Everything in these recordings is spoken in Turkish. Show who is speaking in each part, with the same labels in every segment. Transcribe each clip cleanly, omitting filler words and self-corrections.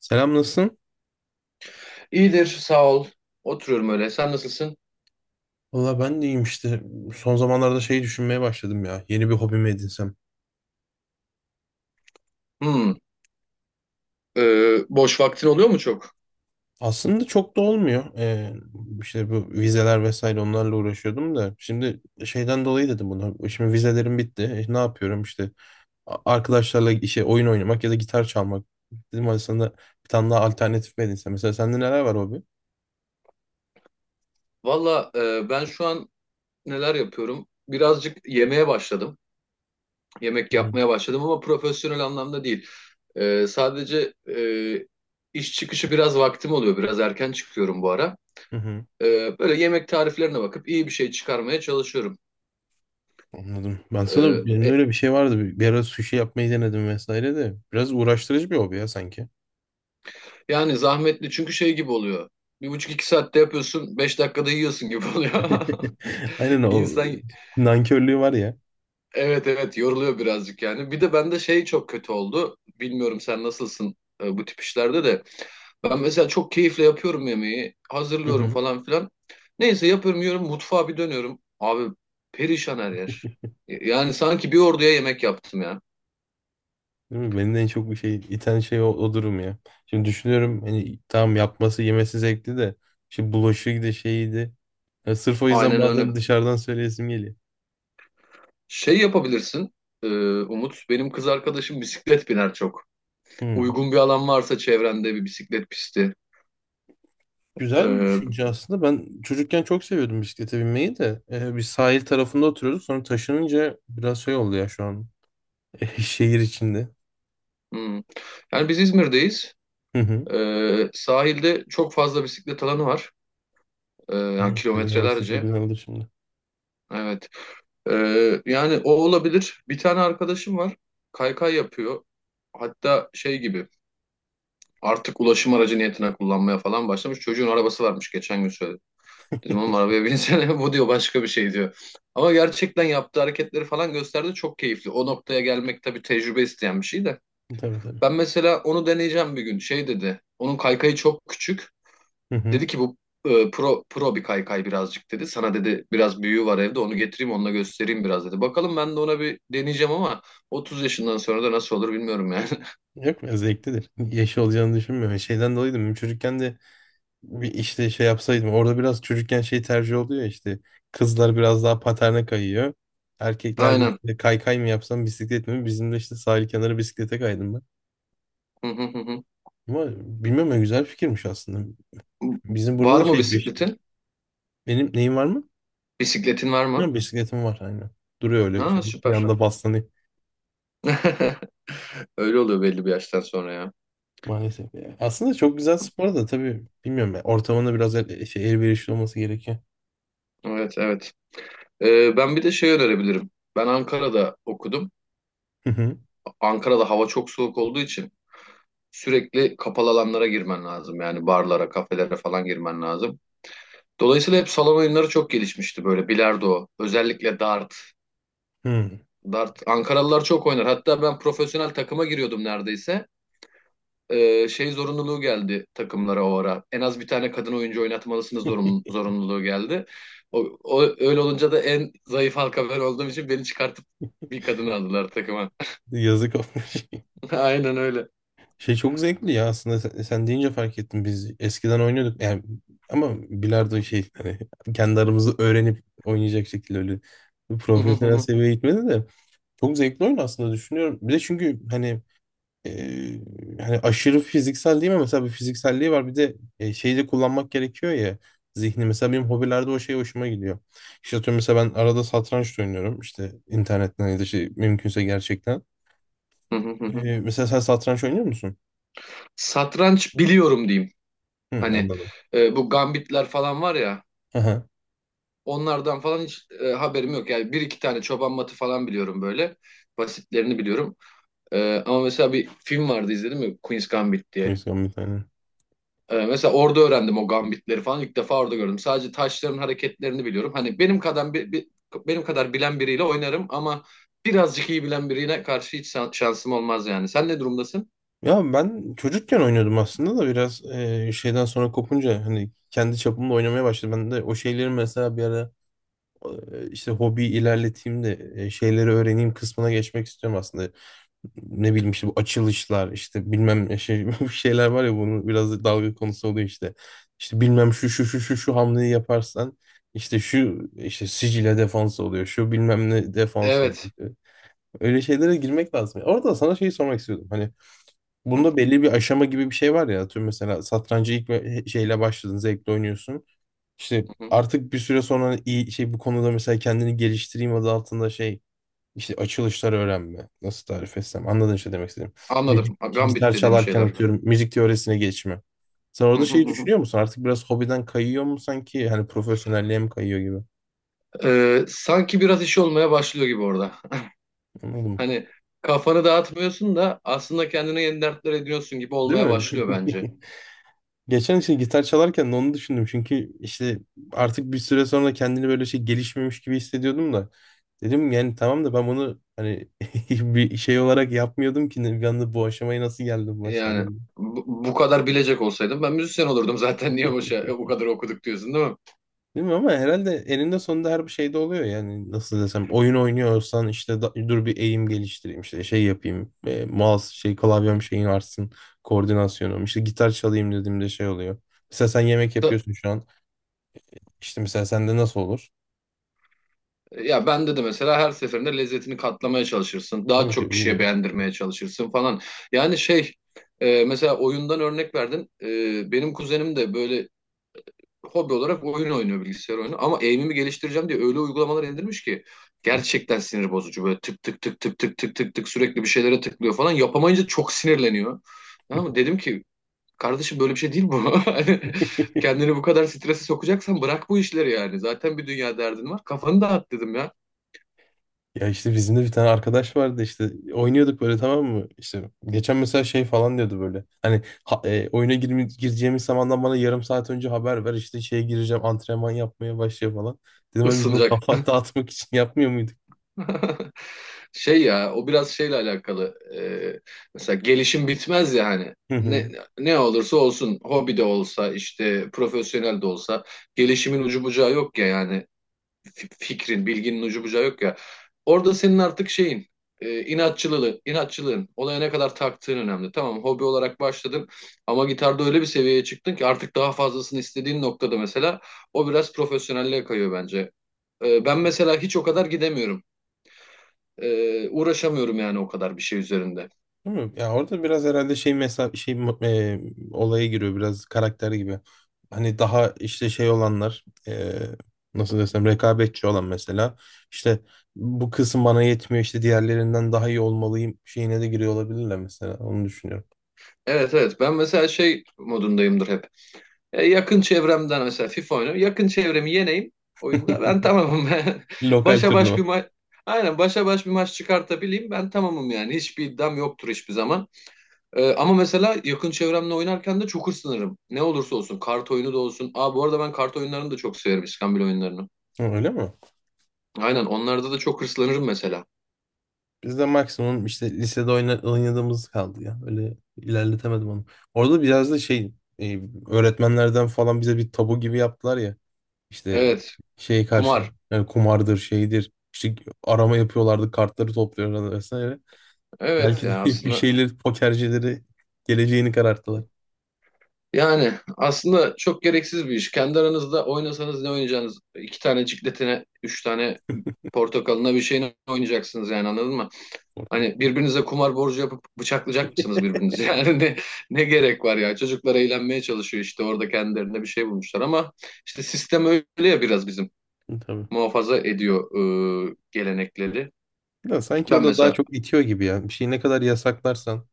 Speaker 1: Selam nasılsın?
Speaker 2: İyidir, sağ ol. Oturuyorum öyle. Sen nasılsın?
Speaker 1: Valla ben de iyiyim işte. Son zamanlarda şeyi düşünmeye başladım ya. Yeni bir hobimi edinsem.
Speaker 2: Hmm, boş vaktin oluyor mu çok?
Speaker 1: Aslında çok da olmuyor. İşte bu vizeler vesaire onlarla uğraşıyordum da. Şimdi şeyden dolayı dedim bunu. Şimdi vizelerim bitti. Ne yapıyorum işte. Arkadaşlarla işe oyun oynamak ya da gitar çalmak. Dedim aslında bir tane daha alternatif mi edinsem. Mesela sende neler var hobi?
Speaker 2: Valla, ben şu an neler yapıyorum? Birazcık yemeye başladım. Yemek
Speaker 1: Hı hı.
Speaker 2: yapmaya başladım ama profesyonel anlamda değil. Sadece iş çıkışı biraz vaktim oluyor. Biraz erken çıkıyorum bu ara.
Speaker 1: Hı hı.
Speaker 2: Böyle yemek tariflerine bakıp iyi bir şey çıkarmaya çalışıyorum.
Speaker 1: Anladım. Ben sana
Speaker 2: E,
Speaker 1: benim de
Speaker 2: e,
Speaker 1: öyle bir şey vardı. Bir ara sushi yapmayı denedim vesaire de. Biraz uğraştırıcı bir hobi ya sanki.
Speaker 2: yani zahmetli çünkü şey gibi oluyor. Bir buçuk iki saatte yapıyorsun, beş dakikada yiyorsun gibi oluyor.
Speaker 1: Aynen o
Speaker 2: İnsan
Speaker 1: nankörlüğü var ya.
Speaker 2: evet evet, yoruluyor birazcık yani. Bir de bende şey çok kötü oldu. Bilmiyorum sen nasılsın bu tip işlerde de. Ben mesela çok keyifle yapıyorum yemeği.
Speaker 1: Hı
Speaker 2: Hazırlıyorum
Speaker 1: hı.
Speaker 2: falan filan. Neyse, yapıyorum, yiyorum, mutfağa bir dönüyorum. Abi, perişan her yer. Yani sanki bir orduya yemek yaptım ya.
Speaker 1: Değil mi? Beni de en çok bir şey iten şey o durum ya. Şimdi düşünüyorum hani tamam yapması yemesi zevkli de işte bulaşığı da şeydi. Ya sırf o yüzden
Speaker 2: Aynen
Speaker 1: bazen
Speaker 2: öyle.
Speaker 1: dışarıdan söyleyesim geliyor.
Speaker 2: Şey yapabilirsin, e, Umut. Benim kız arkadaşım bisiklet biner çok.
Speaker 1: Hı.
Speaker 2: Uygun bir alan varsa çevrende bir bisiklet pisti.
Speaker 1: Güzel bir
Speaker 2: E,
Speaker 1: düşünce aslında. Ben çocukken çok seviyordum bisiklete binmeyi de. Bir sahil tarafında oturuyorduk. Sonra taşınınca biraz şey oldu ya şu an. Şehir içinde.
Speaker 2: hmm. Yani biz İzmir'deyiz.
Speaker 1: Hı.
Speaker 2: Sahilde çok fazla bisiklet alanı var. Yani
Speaker 1: Hı. Sizin orası çok
Speaker 2: kilometrelerce.
Speaker 1: güzeldir şimdi.
Speaker 2: Evet. Yani o olabilir. Bir tane arkadaşım var. Kaykay yapıyor. Hatta şey gibi, artık ulaşım aracı niyetine kullanmaya falan başlamış. Çocuğun arabası varmış, geçen gün söyledi. Dedim oğlum arabaya binsene, bu diyor başka bir şey diyor. Ama gerçekten yaptığı hareketleri falan gösterdi, çok keyifli. O noktaya gelmek tabii tecrübe isteyen bir şey de.
Speaker 1: Tabii tabii.
Speaker 2: Ben mesela onu deneyeceğim bir gün. Şey dedi, onun kaykayı çok küçük.
Speaker 1: Hı hı.
Speaker 2: Dedi ki bu pro bir kaykay birazcık dedi. Sana dedi biraz büyüğü var evde, onu getireyim, onunla göstereyim biraz dedi. Bakalım ben de ona bir deneyeceğim ama 30 yaşından sonra da nasıl olur bilmiyorum yani.
Speaker 1: Yok ya zevklidir. Yaşı olacağını düşünmüyorum. Şeyden dolayı da benim çocukken de bir işte şey yapsaydım. Orada biraz çocukken şey tercih oluyor ya işte. Kızlar biraz daha paterne kayıyor. Erkekler de
Speaker 2: Aynen.
Speaker 1: işte kaykay mı yapsam bisiklet mi? Bizim de işte sahil kenarı bisiklete kaydım ben.
Speaker 2: Hı hı, hı hı.
Speaker 1: Ama bilmiyorum ya güzel fikirmiş aslında. Bizim burada
Speaker 2: Var
Speaker 1: da
Speaker 2: mı bisikletin?
Speaker 1: benim neyim var mı?
Speaker 2: Bisikletin var mı?
Speaker 1: Bilmiyorum bisikletim var aynen. Duruyor öyle
Speaker 2: Ha,
Speaker 1: şöyle bir
Speaker 2: süper.
Speaker 1: yanda baslanıyor.
Speaker 2: Öyle oluyor belli bir yaştan sonra ya.
Speaker 1: Maalesef ya. Aslında çok güzel spor da tabii bilmiyorum ya. Ortamında biraz elverişli olması gerekiyor.
Speaker 2: Evet evet. Ben bir de şey önerebilirim. Ben Ankara'da okudum.
Speaker 1: Hı hı.
Speaker 2: Ankara'da hava çok soğuk olduğu için sürekli kapalı alanlara girmen lazım. Yani barlara, kafelere falan girmen lazım. Dolayısıyla hep salon oyunları çok gelişmişti, böyle bilardo, özellikle dart.
Speaker 1: Hı.
Speaker 2: Dart Ankaralılar çok oynar. Hatta ben profesyonel takıma giriyordum neredeyse. Şey zorunluluğu geldi takımlara o ara. En az bir tane kadın oyuncu oynatmalısınız zorunluluğu geldi. O, öyle olunca da en zayıf halka ben olduğum için beni çıkartıp bir kadın aldılar takıma.
Speaker 1: Yazık olmuş.
Speaker 2: Aynen öyle.
Speaker 1: Şey çok zevkli ya aslında sen deyince fark ettim biz eskiden oynuyorduk yani ama bilardo şey hani kendi aramızda öğrenip oynayacak şekilde öyle profesyonel seviyeye gitmedi de çok zevkli oyun aslında düşünüyorum. Bir de çünkü hani e, hani aşırı fiziksel değil mi mesela bir fizikselliği var bir de şeyi de kullanmak gerekiyor ya zihni mesela benim hobilerde o şey hoşuma gidiyor. İşte atıyorum mesela ben arada satranç da oynuyorum işte internetten ya da şey mümkünse gerçekten. E, mesela sen satranç oynuyor musun?
Speaker 2: Satranç biliyorum diyeyim.
Speaker 1: Hı,
Speaker 2: Hani
Speaker 1: anladım.
Speaker 2: bu gambitler falan var ya.
Speaker 1: Aha,
Speaker 2: Onlardan falan hiç haberim yok. Yani bir iki tane çoban matı falan biliyorum böyle. Basitlerini biliyorum. Ama mesela bir film vardı izledim ya, Queen's Gambit diye.
Speaker 1: müzisyen bir tane.
Speaker 2: Mesela orada öğrendim o gambitleri falan. İlk defa orada gördüm. Sadece taşların hareketlerini biliyorum. Hani benim kadar bilen biriyle oynarım ama birazcık iyi bilen birine karşı hiç şansım olmaz yani. Sen ne durumdasın?
Speaker 1: Ya ben çocukken oynuyordum aslında da biraz şeyden sonra kopunca hani kendi çapımda oynamaya başladım. Ben de o şeyleri mesela bir ara işte hobi ilerleteyim de şeyleri öğreneyim kısmına geçmek istiyorum aslında. Ne bileyim işte bu açılışlar işte bilmem ne şey bu şeyler var ya bunu biraz da dalga konusu oluyor işte. İşte bilmem şu şu şu şu şu hamleyi yaparsan işte şu işte sicile defans oluyor şu bilmem ne defans
Speaker 2: Evet.
Speaker 1: oluyor. Öyle şeylere girmek lazım. Orada sana şeyi sormak istiyordum. Hani
Speaker 2: Hı
Speaker 1: bunda belli bir aşama gibi bir şey var ya. Atıyorum mesela satrancı şeyle başladın, zevkle oynuyorsun. İşte
Speaker 2: hı, hı.
Speaker 1: artık bir süre sonra iyi şey bu konuda mesela kendini geliştireyim adı altında şey işte açılışlar öğrenme. Nasıl tarif etsem? Anladın işte demek istedim. Müzik,
Speaker 2: Anladım. Gambit
Speaker 1: gitar
Speaker 2: dediğim
Speaker 1: çalarken
Speaker 2: şeyler.
Speaker 1: atıyorum müzik teorisine geçme. Sen orada şeyi düşünüyor musun? Artık biraz hobiden kayıyor mu sanki? Hani profesyonelliğe mi kayıyor gibi?
Speaker 2: Sanki biraz iş olmaya başlıyor gibi orada.
Speaker 1: Anladın mı?
Speaker 2: Hani kafanı dağıtmıyorsun da aslında kendine yeni dertler ediyorsun gibi
Speaker 1: Değil
Speaker 2: olmaya
Speaker 1: mi?
Speaker 2: başlıyor bence.
Speaker 1: Geçen işte gitar çalarken de onu düşündüm. Çünkü işte artık bir süre sonra kendini böyle şey gelişmemiş gibi hissediyordum da. Dedim yani tamam da ben bunu hani bir şey olarak yapmıyordum ki bir anda bu aşamaya nasıl geldim mesela.
Speaker 2: Yani bu kadar bilecek olsaydım ben müzisyen olurdum zaten, niye boşa bu kadar okuduk diyorsun değil mi?
Speaker 1: Değil mi? Ama herhalde eninde sonunda her bir şeyde oluyor yani nasıl desem oyun oynuyorsan işte dur bir eğim geliştireyim işte şey yapayım mouse şey klavyem şeyin artsın koordinasyonum işte gitar çalayım dediğimde şey oluyor. Mesela sen yemek
Speaker 2: Da-
Speaker 1: yapıyorsun şu an işte mesela sende nasıl olur?
Speaker 2: ya bende de mesela her seferinde lezzetini katlamaya çalışırsın.
Speaker 1: Ne
Speaker 2: Daha
Speaker 1: mi ki
Speaker 2: çok kişiye
Speaker 1: bilmiyorum.
Speaker 2: beğendirmeye çalışırsın falan. Yani şey, mesela oyundan örnek verdin. Benim kuzenim de böyle hobi olarak oyun oynuyor, bilgisayar oyunu. Ama aim'imi geliştireceğim diye öyle uygulamalar indirmiş ki gerçekten sinir bozucu. Böyle tık tık tık tık tık tık tık tık sürekli bir şeylere tıklıyor falan. Yapamayınca çok sinirleniyor. Tamam mı? Dedim ki kardeşim, böyle bir şey değil bu. Hani kendini bu kadar strese sokacaksan bırak bu işleri yani. Zaten bir dünya derdin var. Kafanı dağıt dedim ya.
Speaker 1: Ya işte bizim de bir tane arkadaş vardı işte oynuyorduk böyle tamam mı? İşte geçen mesela şey falan diyordu böyle. Hani oyuna girme, gireceğimiz zamandan bana yarım saat önce haber ver işte şeye gireceğim antrenman yapmaya başlıyor falan. Dedim hani biz bunu
Speaker 2: Isınacak.
Speaker 1: kafa dağıtmak için yapmıyor muyduk?
Speaker 2: Şey ya, o biraz şeyle alakalı. Mesela gelişim bitmez ya hani.
Speaker 1: Hı hı.
Speaker 2: Ne olursa olsun hobi de olsa işte profesyonel de olsa gelişimin ucu bucağı yok ya yani. Fikrin, bilginin ucu bucağı yok ya. Orada senin artık şeyin, inatçılığın, olaya ne kadar taktığın önemli. Tamam, hobi olarak başladın ama gitarda öyle bir seviyeye çıktın ki artık daha fazlasını istediğin noktada mesela o biraz profesyonelliğe kayıyor bence. Ben mesela hiç o kadar gidemiyorum. Uğraşamıyorum yani o kadar bir şey üzerinde.
Speaker 1: Değil mi? Ya orada biraz herhalde şey mesela e, olaya giriyor biraz karakter gibi. Hani daha işte şey olanlar nasıl desem rekabetçi olan mesela işte bu kısım bana yetmiyor işte diğerlerinden daha iyi olmalıyım şeyine de giriyor olabilirler mesela onu düşünüyorum.
Speaker 2: Evet evet, ben mesela şey modundayımdır hep. Yakın çevremden mesela FIFA oynuyorum. Yakın çevremi yeneyim oyunda, ben tamamım. Ben
Speaker 1: Lokal
Speaker 2: başa baş
Speaker 1: turnuva.
Speaker 2: bir maç, aynen, başa baş bir maç çıkartabileyim ben tamamım yani. Hiçbir iddiam yoktur hiçbir zaman. Ama mesela yakın çevremle oynarken de çok hırslanırım. Ne olursa olsun, kart oyunu da olsun. Aa, bu arada ben kart oyunlarını da çok severim, iskambil oyunlarını.
Speaker 1: Hı, öyle mi?
Speaker 2: Aynen, onlarda da çok hırslanırım mesela.
Speaker 1: Bizde maksimum işte lisede oynadığımız kaldı ya. Öyle ilerletemedim onu. Orada biraz da şey e, öğretmenlerden falan bize bir tabu gibi yaptılar ya. İşte
Speaker 2: Evet,
Speaker 1: şey karşı
Speaker 2: kumar.
Speaker 1: yani kumardır şeydir. İşte arama yapıyorlardı kartları topluyorlardı vesaire.
Speaker 2: Evet
Speaker 1: Belki
Speaker 2: ya,
Speaker 1: evet de bir
Speaker 2: aslında
Speaker 1: şeyleri pokercileri geleceğini kararttılar
Speaker 2: yani aslında çok gereksiz bir iş. Kendi aranızda oynasanız ne oynayacaksınız? İki tane cikletine, üç tane portakalına, bir şeyine oynayacaksınız yani, anladın mı?
Speaker 1: orada.
Speaker 2: Hani birbirinize kumar borcu yapıp bıçaklayacak mısınız birbirinizi? Yani ne gerek var ya? Çocuklar eğlenmeye çalışıyor işte, orada kendilerine bir şey bulmuşlar ama işte sistem öyle ya, biraz bizim
Speaker 1: Tabii.
Speaker 2: muhafaza ediyor gelenekleri.
Speaker 1: Ya sanki o
Speaker 2: Ben
Speaker 1: da daha
Speaker 2: mesela
Speaker 1: çok itiyor gibi yani. Bir şeyi ne kadar yasaklarsan.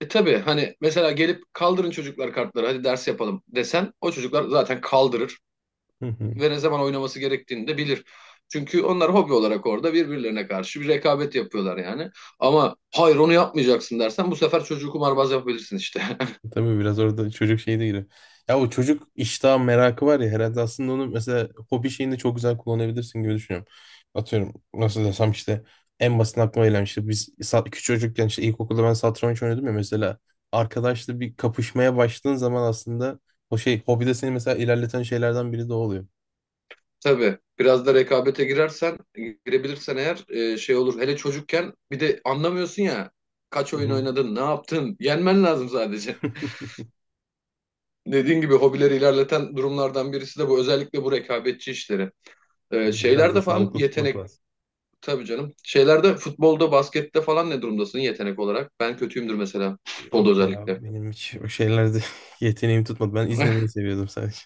Speaker 2: e, tabii hani mesela gelip kaldırın çocuklar kartları, hadi ders yapalım desen, o çocuklar zaten kaldırır
Speaker 1: Hı hı.
Speaker 2: ve ne zaman oynaması gerektiğini de bilir. Çünkü onlar hobi olarak orada birbirlerine karşı bir rekabet yapıyorlar yani. Ama hayır, onu yapmayacaksın dersen bu sefer çocuğu kumarbaz yapabilirsin işte.
Speaker 1: Tabii biraz orada çocuk şeyi de giriyor. Ya o çocuk iştah merakı var ya herhalde aslında onu mesela hobi şeyinde çok güzel kullanabilirsin gibi düşünüyorum. Atıyorum nasıl desem işte en basit aklıma gelen işte biz küçük çocukken işte ilkokulda ben satranç oynuyordum ya mesela arkadaşla bir kapışmaya başladığın zaman aslında o şey hobide seni mesela ilerleten şeylerden biri de o oluyor.
Speaker 2: Tabii biraz da rekabete girebilirsen eğer şey olur. Hele çocukken bir de anlamıyorsun ya. Kaç
Speaker 1: Hı
Speaker 2: oyun
Speaker 1: hı.
Speaker 2: oynadın, ne yaptın? Yenmen lazım sadece. Dediğin gibi hobileri ilerleten durumlardan birisi de bu. Özellikle bu rekabetçi işleri.
Speaker 1: Tabii. Biraz da
Speaker 2: Şeylerde falan
Speaker 1: sağlıklı tutmak
Speaker 2: yetenek.
Speaker 1: lazım.
Speaker 2: Tabii canım. Şeylerde, futbolda, baskette falan ne durumdasın yetenek olarak? Ben kötüyümdür mesela. Futbolda
Speaker 1: Yok ya
Speaker 2: özellikle.
Speaker 1: benim hiç o şeylerde yeteneğim tutmadı. Ben izlemeyi seviyordum sadece.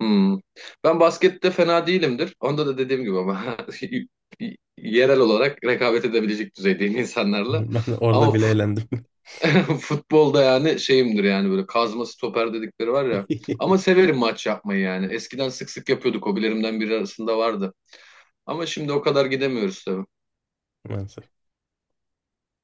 Speaker 2: Hmm. Ben baskette fena değilimdir. Onda da dediğim gibi ama yerel olarak rekabet edebilecek düzeydeyim insanlarla.
Speaker 1: Ben de
Speaker 2: Ama
Speaker 1: orada bile eğlendim.
Speaker 2: futbolda yani şeyimdir yani, böyle kazma stoper dedikleri var ya. Ama severim maç yapmayı yani. Eskiden sık sık yapıyorduk. Hobilerimden biri arasında vardı. Ama şimdi o kadar gidemiyoruz tabii.
Speaker 1: Maalesef.